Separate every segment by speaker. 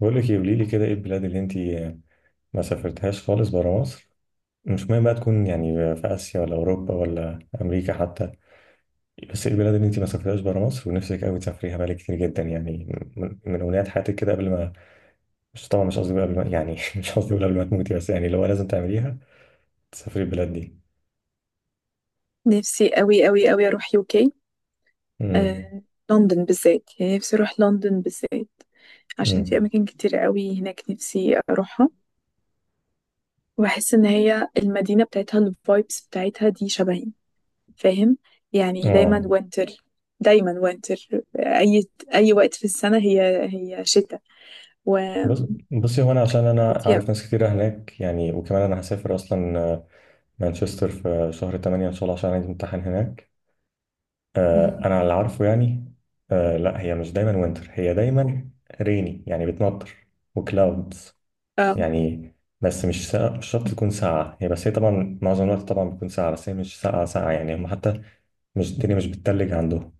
Speaker 1: بقول لك ايه، قولي لي كده ايه البلاد اللي انت ما سافرتهاش خالص برا مصر. مش مهم بقى تكون يعني في اسيا ولا اوروبا ولا امريكا حتى، بس ايه البلاد اللي انت ما سافرتهاش برا مصر ونفسك قوي تسافريها بقالك كتير جدا يعني، من امنيات حياتك كده قبل ما، مش قصدي بقى قبل ما يعني مش قصدي أقول قبل ما تموتي، بس يعني لو لازم تعمليها تسافري البلاد دي.
Speaker 2: نفسي قوي قوي قوي اروح يوكي.
Speaker 1: امم
Speaker 2: آه، لندن بالذات، يعني نفسي اروح لندن بالذات عشان في
Speaker 1: امم
Speaker 2: اماكن كتير قوي هناك نفسي اروحها. واحس ان هي المدينه بتاعتها، الفايبس بتاعتها دي شبهي، فاهم؟ يعني دايما
Speaker 1: اه
Speaker 2: وينتر، دايما وينتر. اي اي وقت في السنه هي هي شتاء. و-
Speaker 1: بس بصي، هو انا عشان انا
Speaker 2: وفيها
Speaker 1: عارف ناس كتير هناك يعني، وكمان انا هسافر اصلا مانشستر في شهر 8 ان شاء الله عشان عندي امتحان هناك.
Speaker 2: مهم.
Speaker 1: انا اللي عارفه يعني. لا هي مش دايما وينتر، هي دايما ريني يعني بتمطر وكلاودز
Speaker 2: اه.
Speaker 1: يعني. بس مش ساقعة، مش شرط تكون ساقعة هي، بس هي طبعا معظم الوقت طبعا بتكون ساقعة، بس هي مش ساقعة ساقعة يعني. هم حتى مش الدنيا مش بتتلج عندهم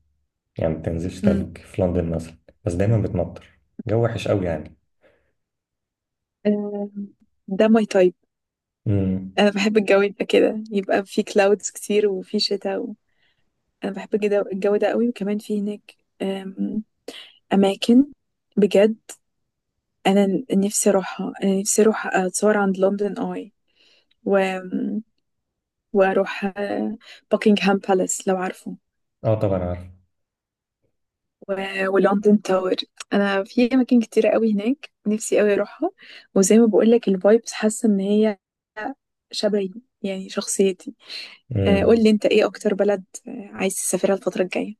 Speaker 1: يعني، ما بتنزلش
Speaker 2: مم.
Speaker 1: تلج في لندن مثلا، بس دايما بتمطر، جو وحش قوي يعني.
Speaker 2: آه، ده ماي تايب.
Speaker 1: امم
Speaker 2: انا بحب الجو يبقى كده، يبقى في كلاودز كتير وفي شتاء. انا بحب جدا الجو ده قوي. وكمان في هناك أم، اماكن بجد انا نفسي اروحها. انا نفسي اروح اتصور عند لندن اي و... واروح باكنغهام بالاس، لو عارفه،
Speaker 1: اه طبعا عارف.
Speaker 2: و... ولندن تاور. انا في اماكن كتيره قوي هناك نفسي قوي اروحها. وزي ما بقول لك، الفايبس حاسه ان هي شبهي، يعني شخصيتي. آه، قول
Speaker 1: امم
Speaker 2: لي انت ايه اكتر بلد آه، عايز تسافرها الفتره الجايه.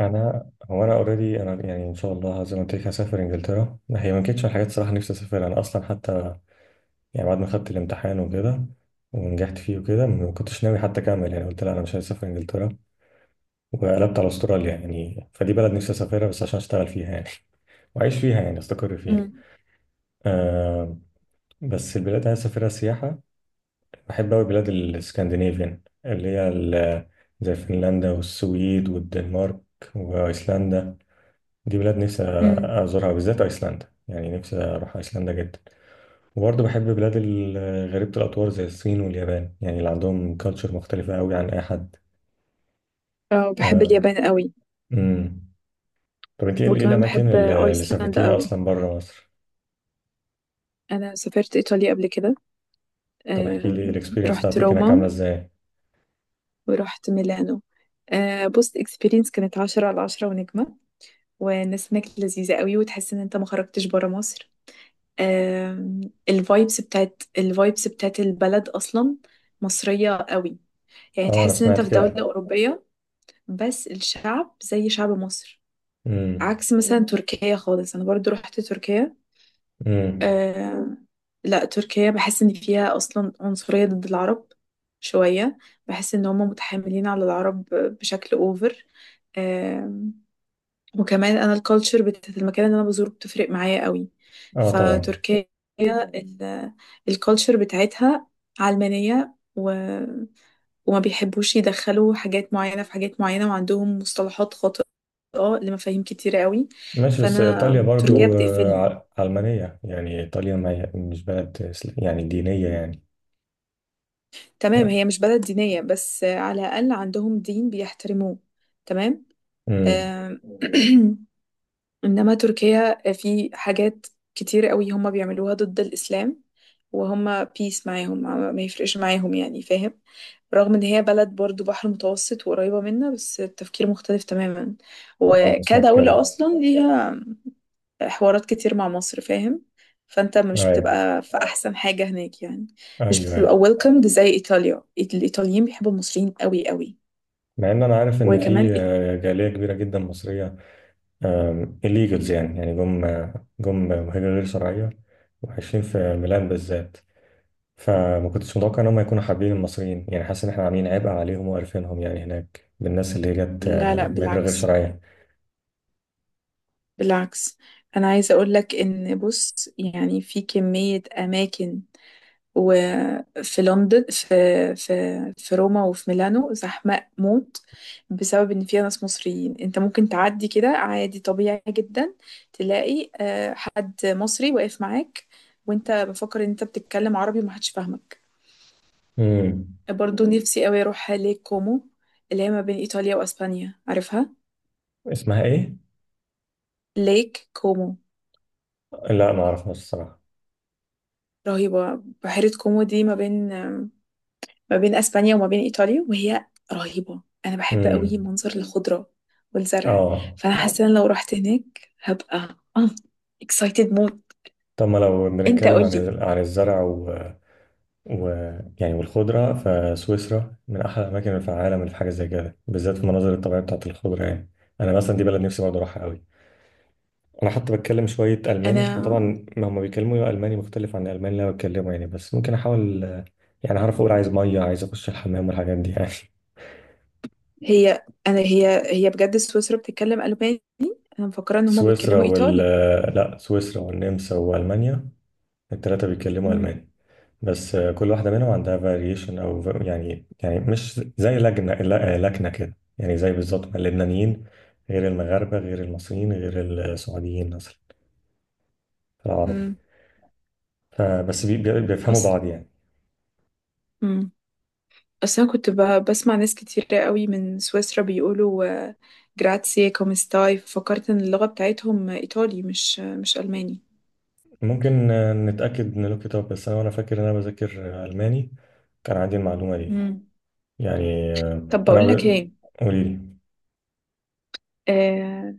Speaker 1: انا هو انا اوريدي انا يعني ان شاء الله زي ما قلت لك هسافر انجلترا، هي ما كانتش من الحاجات الصراحه نفسي اسافر انا اصلا حتى، يعني بعد ما خدت الامتحان وكده ونجحت فيه وكده ما كنتش ناوي حتى اكمل يعني، قلت لا انا مش عايز اسافر انجلترا، وقلبت على استراليا. يعني فدي بلد نفسي اسافرها بس عشان اشتغل فيها يعني واعيش فيها يعني استقر فيها.
Speaker 2: امم
Speaker 1: آه، بس البلاد اللي عايز اسافرها سياحه، بحب قوي بلاد الاسكندنافيان اللي هي زي فنلندا والسويد والدنمارك وايسلندا. دي بلاد نفسي
Speaker 2: امم.
Speaker 1: ازورها، بالذات ايسلندا، يعني نفسي اروح ايسلندا جدا. وبرضه بحب بلاد غريبة الأطوار زي الصين واليابان، يعني اللي عندهم كالتشر مختلفة أوي عن أي حد.
Speaker 2: اه بحب
Speaker 1: آه.
Speaker 2: اليابان قوي
Speaker 1: أمم. طب أنت إيه إيه
Speaker 2: وكمان
Speaker 1: الأماكن
Speaker 2: بحب
Speaker 1: اللي
Speaker 2: ايسلندا
Speaker 1: سافرتيها
Speaker 2: قوي.
Speaker 1: أصلا بره مصر؟
Speaker 2: انا سافرت ايطاليا قبل كده.
Speaker 1: طب احكي لي الإكسبيرينس
Speaker 2: رحت
Speaker 1: بتاعتك هناك
Speaker 2: روما
Speaker 1: عاملة إزاي؟
Speaker 2: ورحت ميلانو. آه، بص، اكسبيرينس كانت عشرة على عشرة ونجمة. والناس هناك لذيذة قوي، وتحس ان انت ما خرجتش برا مصر. الفايبس بتاعت الفايبس بتاعت البلد اصلا مصرية قوي، يعني
Speaker 1: أه أنا
Speaker 2: تحس ان انت
Speaker 1: سمعت
Speaker 2: في دولة
Speaker 1: كده.
Speaker 2: اوروبية، بس الشعب زي شعب مصر.
Speaker 1: أمم.
Speaker 2: عكس مثلا تركيا خالص. انا برضو رحت تركيا.
Speaker 1: أمم.
Speaker 2: آه، لا، تركيا بحس ان فيها اصلا عنصرية ضد العرب شوية. بحس ان هم متحاملين على العرب بشكل اوفر. وكمان انا الكالتشر بتاعت المكان اللي انا بزوره بتفرق معايا قوي.
Speaker 1: أه طبعا.
Speaker 2: فتركيا ال- الكالتشر بتاعتها علمانية وما بيحبوش يدخلوا حاجات معينة في حاجات معينة، وعندهم مصطلحات خاطئة لمفاهيم كتيرة قوي.
Speaker 1: ماشي، بس
Speaker 2: فانا
Speaker 1: إيطاليا
Speaker 2: تركيا
Speaker 1: برضه
Speaker 2: بتقفلني.
Speaker 1: علمانية يعني، إيطاليا ما هي مش بلد يعني دينية يعني.
Speaker 2: تمام، هي مش بلد دينية، بس على الاقل عندهم دين بيحترموه. تمام.
Speaker 1: امم
Speaker 2: آم، إنما تركيا آه، في حاجات كتير قوي هم بيعملوها ضد الإسلام. وهم بيس معاهم، ما يفرقش معاهم، يعني فاهم. رغم إن هي بلد برضو بحر متوسط وقريبة منا، بس التفكير مختلف تماما.
Speaker 1: اه أنا سمعت
Speaker 2: وكدولة
Speaker 1: كده.
Speaker 2: أصلا ليها حوارات كتير مع مصر، فاهم. فأنت مش
Speaker 1: ايوه،
Speaker 2: بتبقى في أحسن حاجة هناك يعني. مش
Speaker 1: ايوه،
Speaker 2: بتبقى
Speaker 1: ايوه.
Speaker 2: welcomed زي إيطاليا. الإيطاليين بيحبوا المصريين قوي قوي.
Speaker 1: مع ان انا عارف ان
Speaker 2: وكمان
Speaker 1: في جاليه كبيره جدا مصريه، الليجلز يعني، جم مهاجرين غير شرعية وعايشين في ميلان بالذات، فما كنتش متوقع ان هم يكونوا حابين المصريين، يعني حاسس ان احنا عاملين عبء عليهم وقرفينهم يعني هناك، بالناس اللي هي جت
Speaker 2: لا لا،
Speaker 1: مهاجرة غير
Speaker 2: بالعكس،
Speaker 1: شرعية.
Speaker 2: بالعكس. انا عايزه اقول لك ان، بص يعني، في كميه اماكن وفي لندن في في روما وفي ميلانو زحمه موت بسبب ان فيها ناس مصريين. انت ممكن تعدي كده عادي طبيعي جدا، تلاقي آه، حد مصري واقف معاك وانت بفكر ان انت بتتكلم عربي ومحدش فاهمك.
Speaker 1: امم.
Speaker 2: برضو نفسي قوي اروح ليك كومو، اللي هي ما بين ايطاليا واسبانيا، عارفها؟
Speaker 1: اسمها ايه؟
Speaker 2: ليك كومو.
Speaker 1: لا ما اعرفهاش الصراحة.
Speaker 2: رهيبه، بحيره كومو دي ما بين، ما بين اسبانيا وما بين ايطاليا، وهي رهيبه. انا بحب قوي
Speaker 1: امم.
Speaker 2: منظر الخضره والزرع.
Speaker 1: اه.
Speaker 2: فانا حاسه ان لو رحت هناك هبقى اه اكسايتد موت.
Speaker 1: طب ما لو
Speaker 2: انت
Speaker 1: بنتكلم
Speaker 2: قول
Speaker 1: عن
Speaker 2: لي.
Speaker 1: عن الزرع و... يعني والخضرة، فسويسرا من أحلى الأماكن في العالم اللي في حاجة زي كده، بالذات في المناظر الطبيعية بتاعت الخضرة يعني. أنا مثلا دي بلد نفسي برضه أروحها أوي، انا حتى بتكلم شويه الماني،
Speaker 2: انا
Speaker 1: وطبعا ما هم بيكلموا الماني مختلف عن الالماني اللي انا بتكلمه يعني، بس ممكن احاول يعني هعرف اقول عايز ميه، عايز اخش الحمام والحاجات دي يعني
Speaker 2: هي بجد سويسرا بتتكلم الماني؟ انا مفكره ان هما
Speaker 1: سويسرا
Speaker 2: بيتكلموا
Speaker 1: وال
Speaker 2: ايطالي.
Speaker 1: آه، لا سويسرا والنمسا والمانيا الثلاثه بيتكلموا
Speaker 2: امم
Speaker 1: الماني، بس كل واحده منهم عندها فاريشن يعني، يعني مش زي لجنه لكنه كده يعني، زي بالظبط ما اللبنانيين غير المغاربه غير المصريين غير السعوديين مثلا في العربي،
Speaker 2: امم
Speaker 1: فبس بيفهموا
Speaker 2: اصلا
Speaker 1: بعض يعني.
Speaker 2: امم. اصلا كنت بسمع ناس كتير قوي من سويسرا بيقولوا آه، جراتسي كومستاي، فكرت ان اللغه بتاعتهم ايطالي مش مش الماني.
Speaker 1: ممكن نتأكد من لوك اب، بس أنا وأنا فاكر إن أنا بذاكر ألماني كان عندي المعلومة دي
Speaker 2: امم.
Speaker 1: يعني،
Speaker 2: طب بقول لك ايه
Speaker 1: قولي لي.
Speaker 2: آه،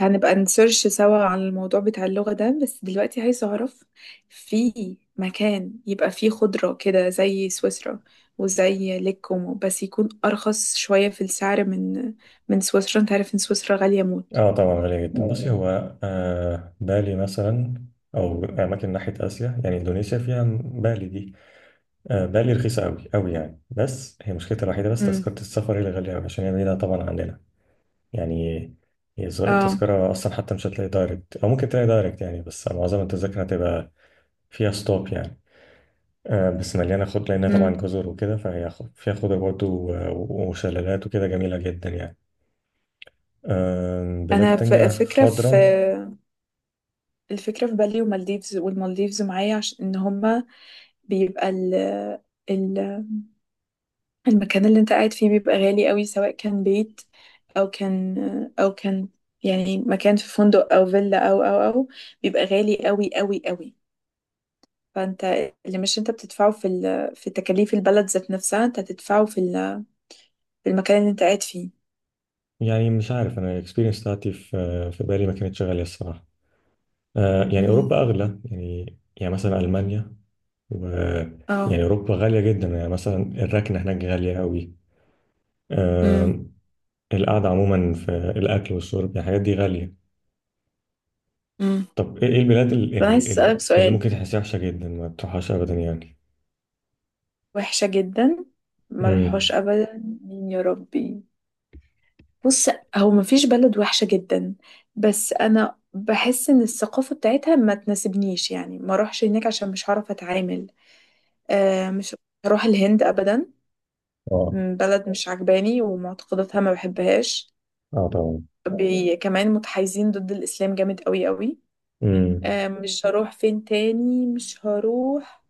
Speaker 2: هنبقى نسيرش سوا عن الموضوع بتاع اللغة ده، بس دلوقتي عايز أعرف، في مكان يبقى فيه خضرة كده زي سويسرا وزي ليك كومو، بس يكون أرخص شوية في السعر من من سويسرا؟ أنت عارف إن سويسرا غالية موت.
Speaker 1: آه طبعا غالية جدا. بصي،
Speaker 2: آه،
Speaker 1: هو آه بالي مثلا، أو أماكن ناحية آسيا يعني إندونيسيا فيها بالي دي. آه بالي رخيصة أوي أوي يعني، بس هي مشكلتها الوحيدة بس
Speaker 2: امم
Speaker 1: تذكرة السفر هي اللي غالية أوي عشان هي بعيدة طبعا عننا يعني.
Speaker 2: اه
Speaker 1: التذكرة أصلا حتى مش هتلاقي دايركت، أو ممكن تلاقي دايركت يعني، بس معظم التذاكر هتبقى فيها ستوب يعني. آه، بس مليانة خضرة لأنها
Speaker 2: امم.
Speaker 1: طبعا جزر وكده، فيها خضرة برضه وشلالات وكده، جميلة جدا يعني. آم،
Speaker 2: أنا
Speaker 1: بلاد
Speaker 2: آه.
Speaker 1: تانية
Speaker 2: فكرة في
Speaker 1: خضرة.
Speaker 2: الفكرة في بالي ومالديفز، والمالديفز معايا، عشان إن هما بيبقى ال المكان اللي انت قاعد فيه بيبقى غالي قوي، سواء كان بيت او كان او كان، يعني مكان في فندق او فيلا او او او، بيبقى غالي قوي قوي قوي. فانت اللي مش انت بتدفعه في ال... في تكاليف البلد ذات نفسها، انت هتدفعه في ال... في المكان اللي انت قاعد فيه.
Speaker 1: يعني مش عارف، أنا الإكسبيرينس بتاعتي في في بالي ما كانتش غالية الصراحة. آه، يعني
Speaker 2: مهم.
Speaker 1: أوروبا أغلى يعني، يعني مثلا ألمانيا و، يعني
Speaker 2: اه
Speaker 1: أوروبا غالية جدا يعني، مثلا الركنة هناك غالية أوي.
Speaker 2: امم
Speaker 1: آم، القعدة عموما في الأكل والشرب يعني الحاجات دي غالية.
Speaker 2: امم.
Speaker 1: طب إيه إيه البلاد
Speaker 2: انا عايز اسالك
Speaker 1: اللي
Speaker 2: سؤال،
Speaker 1: ممكن تحسها وحشة جدا ما تروحهاش أبدا يعني؟
Speaker 2: وحشة جدا ما
Speaker 1: مم.
Speaker 2: روحوش ابدا مين يا ربي؟ بص، هو مفيش بلد وحشة جدا، بس أنا بحس إن الثقافة بتاعتها ما تناسبنيش، يعني ما أروحش هناك عشان مش هعرف أتعامل. آه مش هروح الهند أبدا. م، بلد مش عجباني ومعتقداتها ما بحبهاش.
Speaker 1: اه طبعا.
Speaker 2: بي كمان متحيزين ضد الإسلام جامد قوي قوي.
Speaker 1: امم.
Speaker 2: آه، مش هروح فين تاني مش هروح،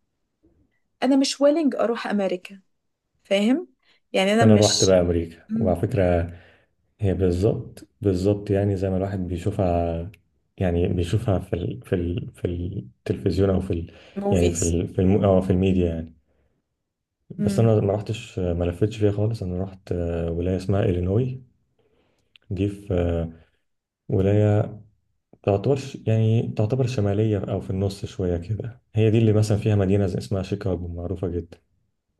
Speaker 2: أنا مش ويلنج أروح أمريكا، فاهم، يعني أنا
Speaker 1: انا روحت بقى
Speaker 2: مش
Speaker 1: امريكا، وعلى فكره هي بالظبط يعني زي ما الواحد بيشوفها، يعني بيشوفها في ال في ال في التلفزيون او في ال يعني في
Speaker 2: موفيز.
Speaker 1: ال في الم او في الميديا يعني. بس انا ما رحتش، ما لفتش فيها خالص، انا رحت ولايه اسمها الينوي، دي في ولايه تعتبر يعني تعتبر شماليه او في النص شويه كده، هي دي اللي مثلا فيها مدينه اسمها شيكاغو معروفه جدا،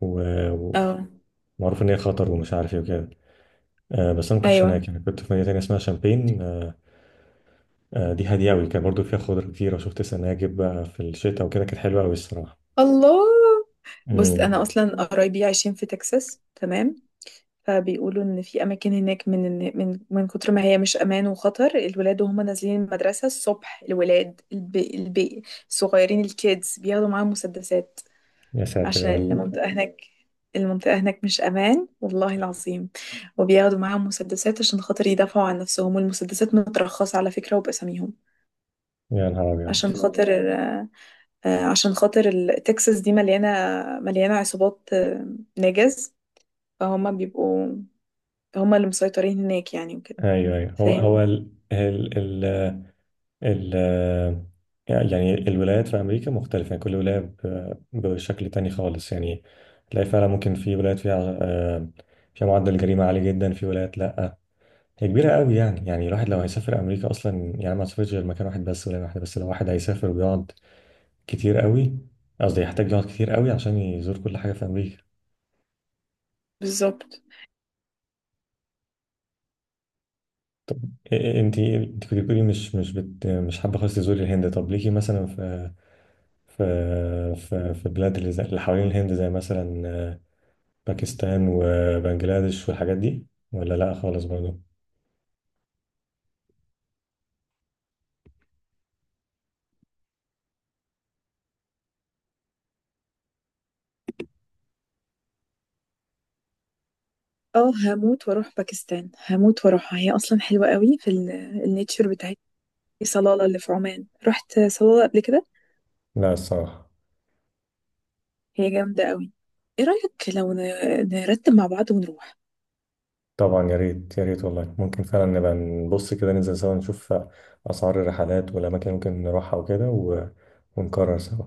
Speaker 1: و-
Speaker 2: اه
Speaker 1: ومعروف ان هي خطر ومش عارف ايه وكده. آه بس انا ما كنتش
Speaker 2: ايوه.
Speaker 1: هناك يعني، كنت في مدينه تانية اسمها شامبين. دي هاديه قوي، كان برضو فيها خضره كتير، وشفت سناجب بقى في الشتاء وكده، كانت حلوه قوي الصراحه.
Speaker 2: الله. بص انا
Speaker 1: امم.
Speaker 2: اصلا قرايبي عايشين في تكساس، تمام؟ فبيقولوا ان في اماكن هناك من من من كتر ما هي مش امان وخطر، الولاد وهم نازلين المدرسه الصبح، الولاد الصغيرين الكيدز، بياخدوا معاهم مسدسات
Speaker 1: يا ساتر
Speaker 2: عشان
Speaker 1: يا رب.
Speaker 2: المنطقه هناك، المنطقه هناك مش امان والله العظيم. وبياخدوا معاهم مسدسات عشان خاطر يدافعوا عن نفسهم. والمسدسات مترخصه على فكره وباساميهم،
Speaker 1: يا نهار ابيض.
Speaker 2: عشان خاطر آه، آه، عشان خاطر تكساس دي مليانه، مليانه عصابات آه، نجس. فهما بيبقوا، هما اللي مسيطرين هناك يعني وكده،
Speaker 1: ايوه، ايوه. هو هو
Speaker 2: فاهم.
Speaker 1: ال ال ال ال يعني الولايات في امريكا مختلفه يعني، كل ولايه بشكل تاني خالص يعني. تلاقي فعلا ممكن في ولايات فيها فيها معدل جريمه عالي جدا، في ولايات لا. هي كبيرة قوي يعني، يعني الواحد لو هيسافر أمريكا أصلا، يعني ما سافرش غير مكان واحد بس ولا واحدة، بس لو واحد هيسافر ويقعد كتير قوي، قصدي يحتاج يقعد كتير قوي عشان يزور كل حاجة في أمريكا.
Speaker 2: بالظبط.
Speaker 1: إيه- إيه، أنت أنت كنت بتقولي مش حابة خالص تزوري الهند، طب ليكي مثلا في في في بلاد اللي اللي حوالين الهند زي مثلا باكستان وبنجلاديش والحاجات دي، ولا لأ خالص برضه؟
Speaker 2: اه هموت واروح باكستان، هموت واروحها، هي اصلا حلوه قوي في النيتشر بتاعت صلاله اللي في عمان. رحت صلاله قبل كده،
Speaker 1: لا الصراحة.
Speaker 2: هي جامده قوي. ايه رايك لو نرتب مع بعض ونروح؟
Speaker 1: طبعا يا ريت، يا ريت والله، ممكن فعلا نبقى نبص كده، ننزل سوا نشوف أسعار الرحلات والأماكن اللي ممكن نروحها وكده ونقرر سوا.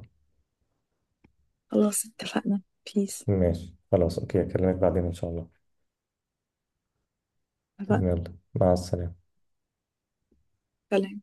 Speaker 2: خلاص، اتفقنا. بيس.
Speaker 1: ماشي خلاص أوكي، أكلمك بعدين إن شاء الله.
Speaker 2: اتفقنا.
Speaker 1: يلا مع السلامة.
Speaker 2: سلام.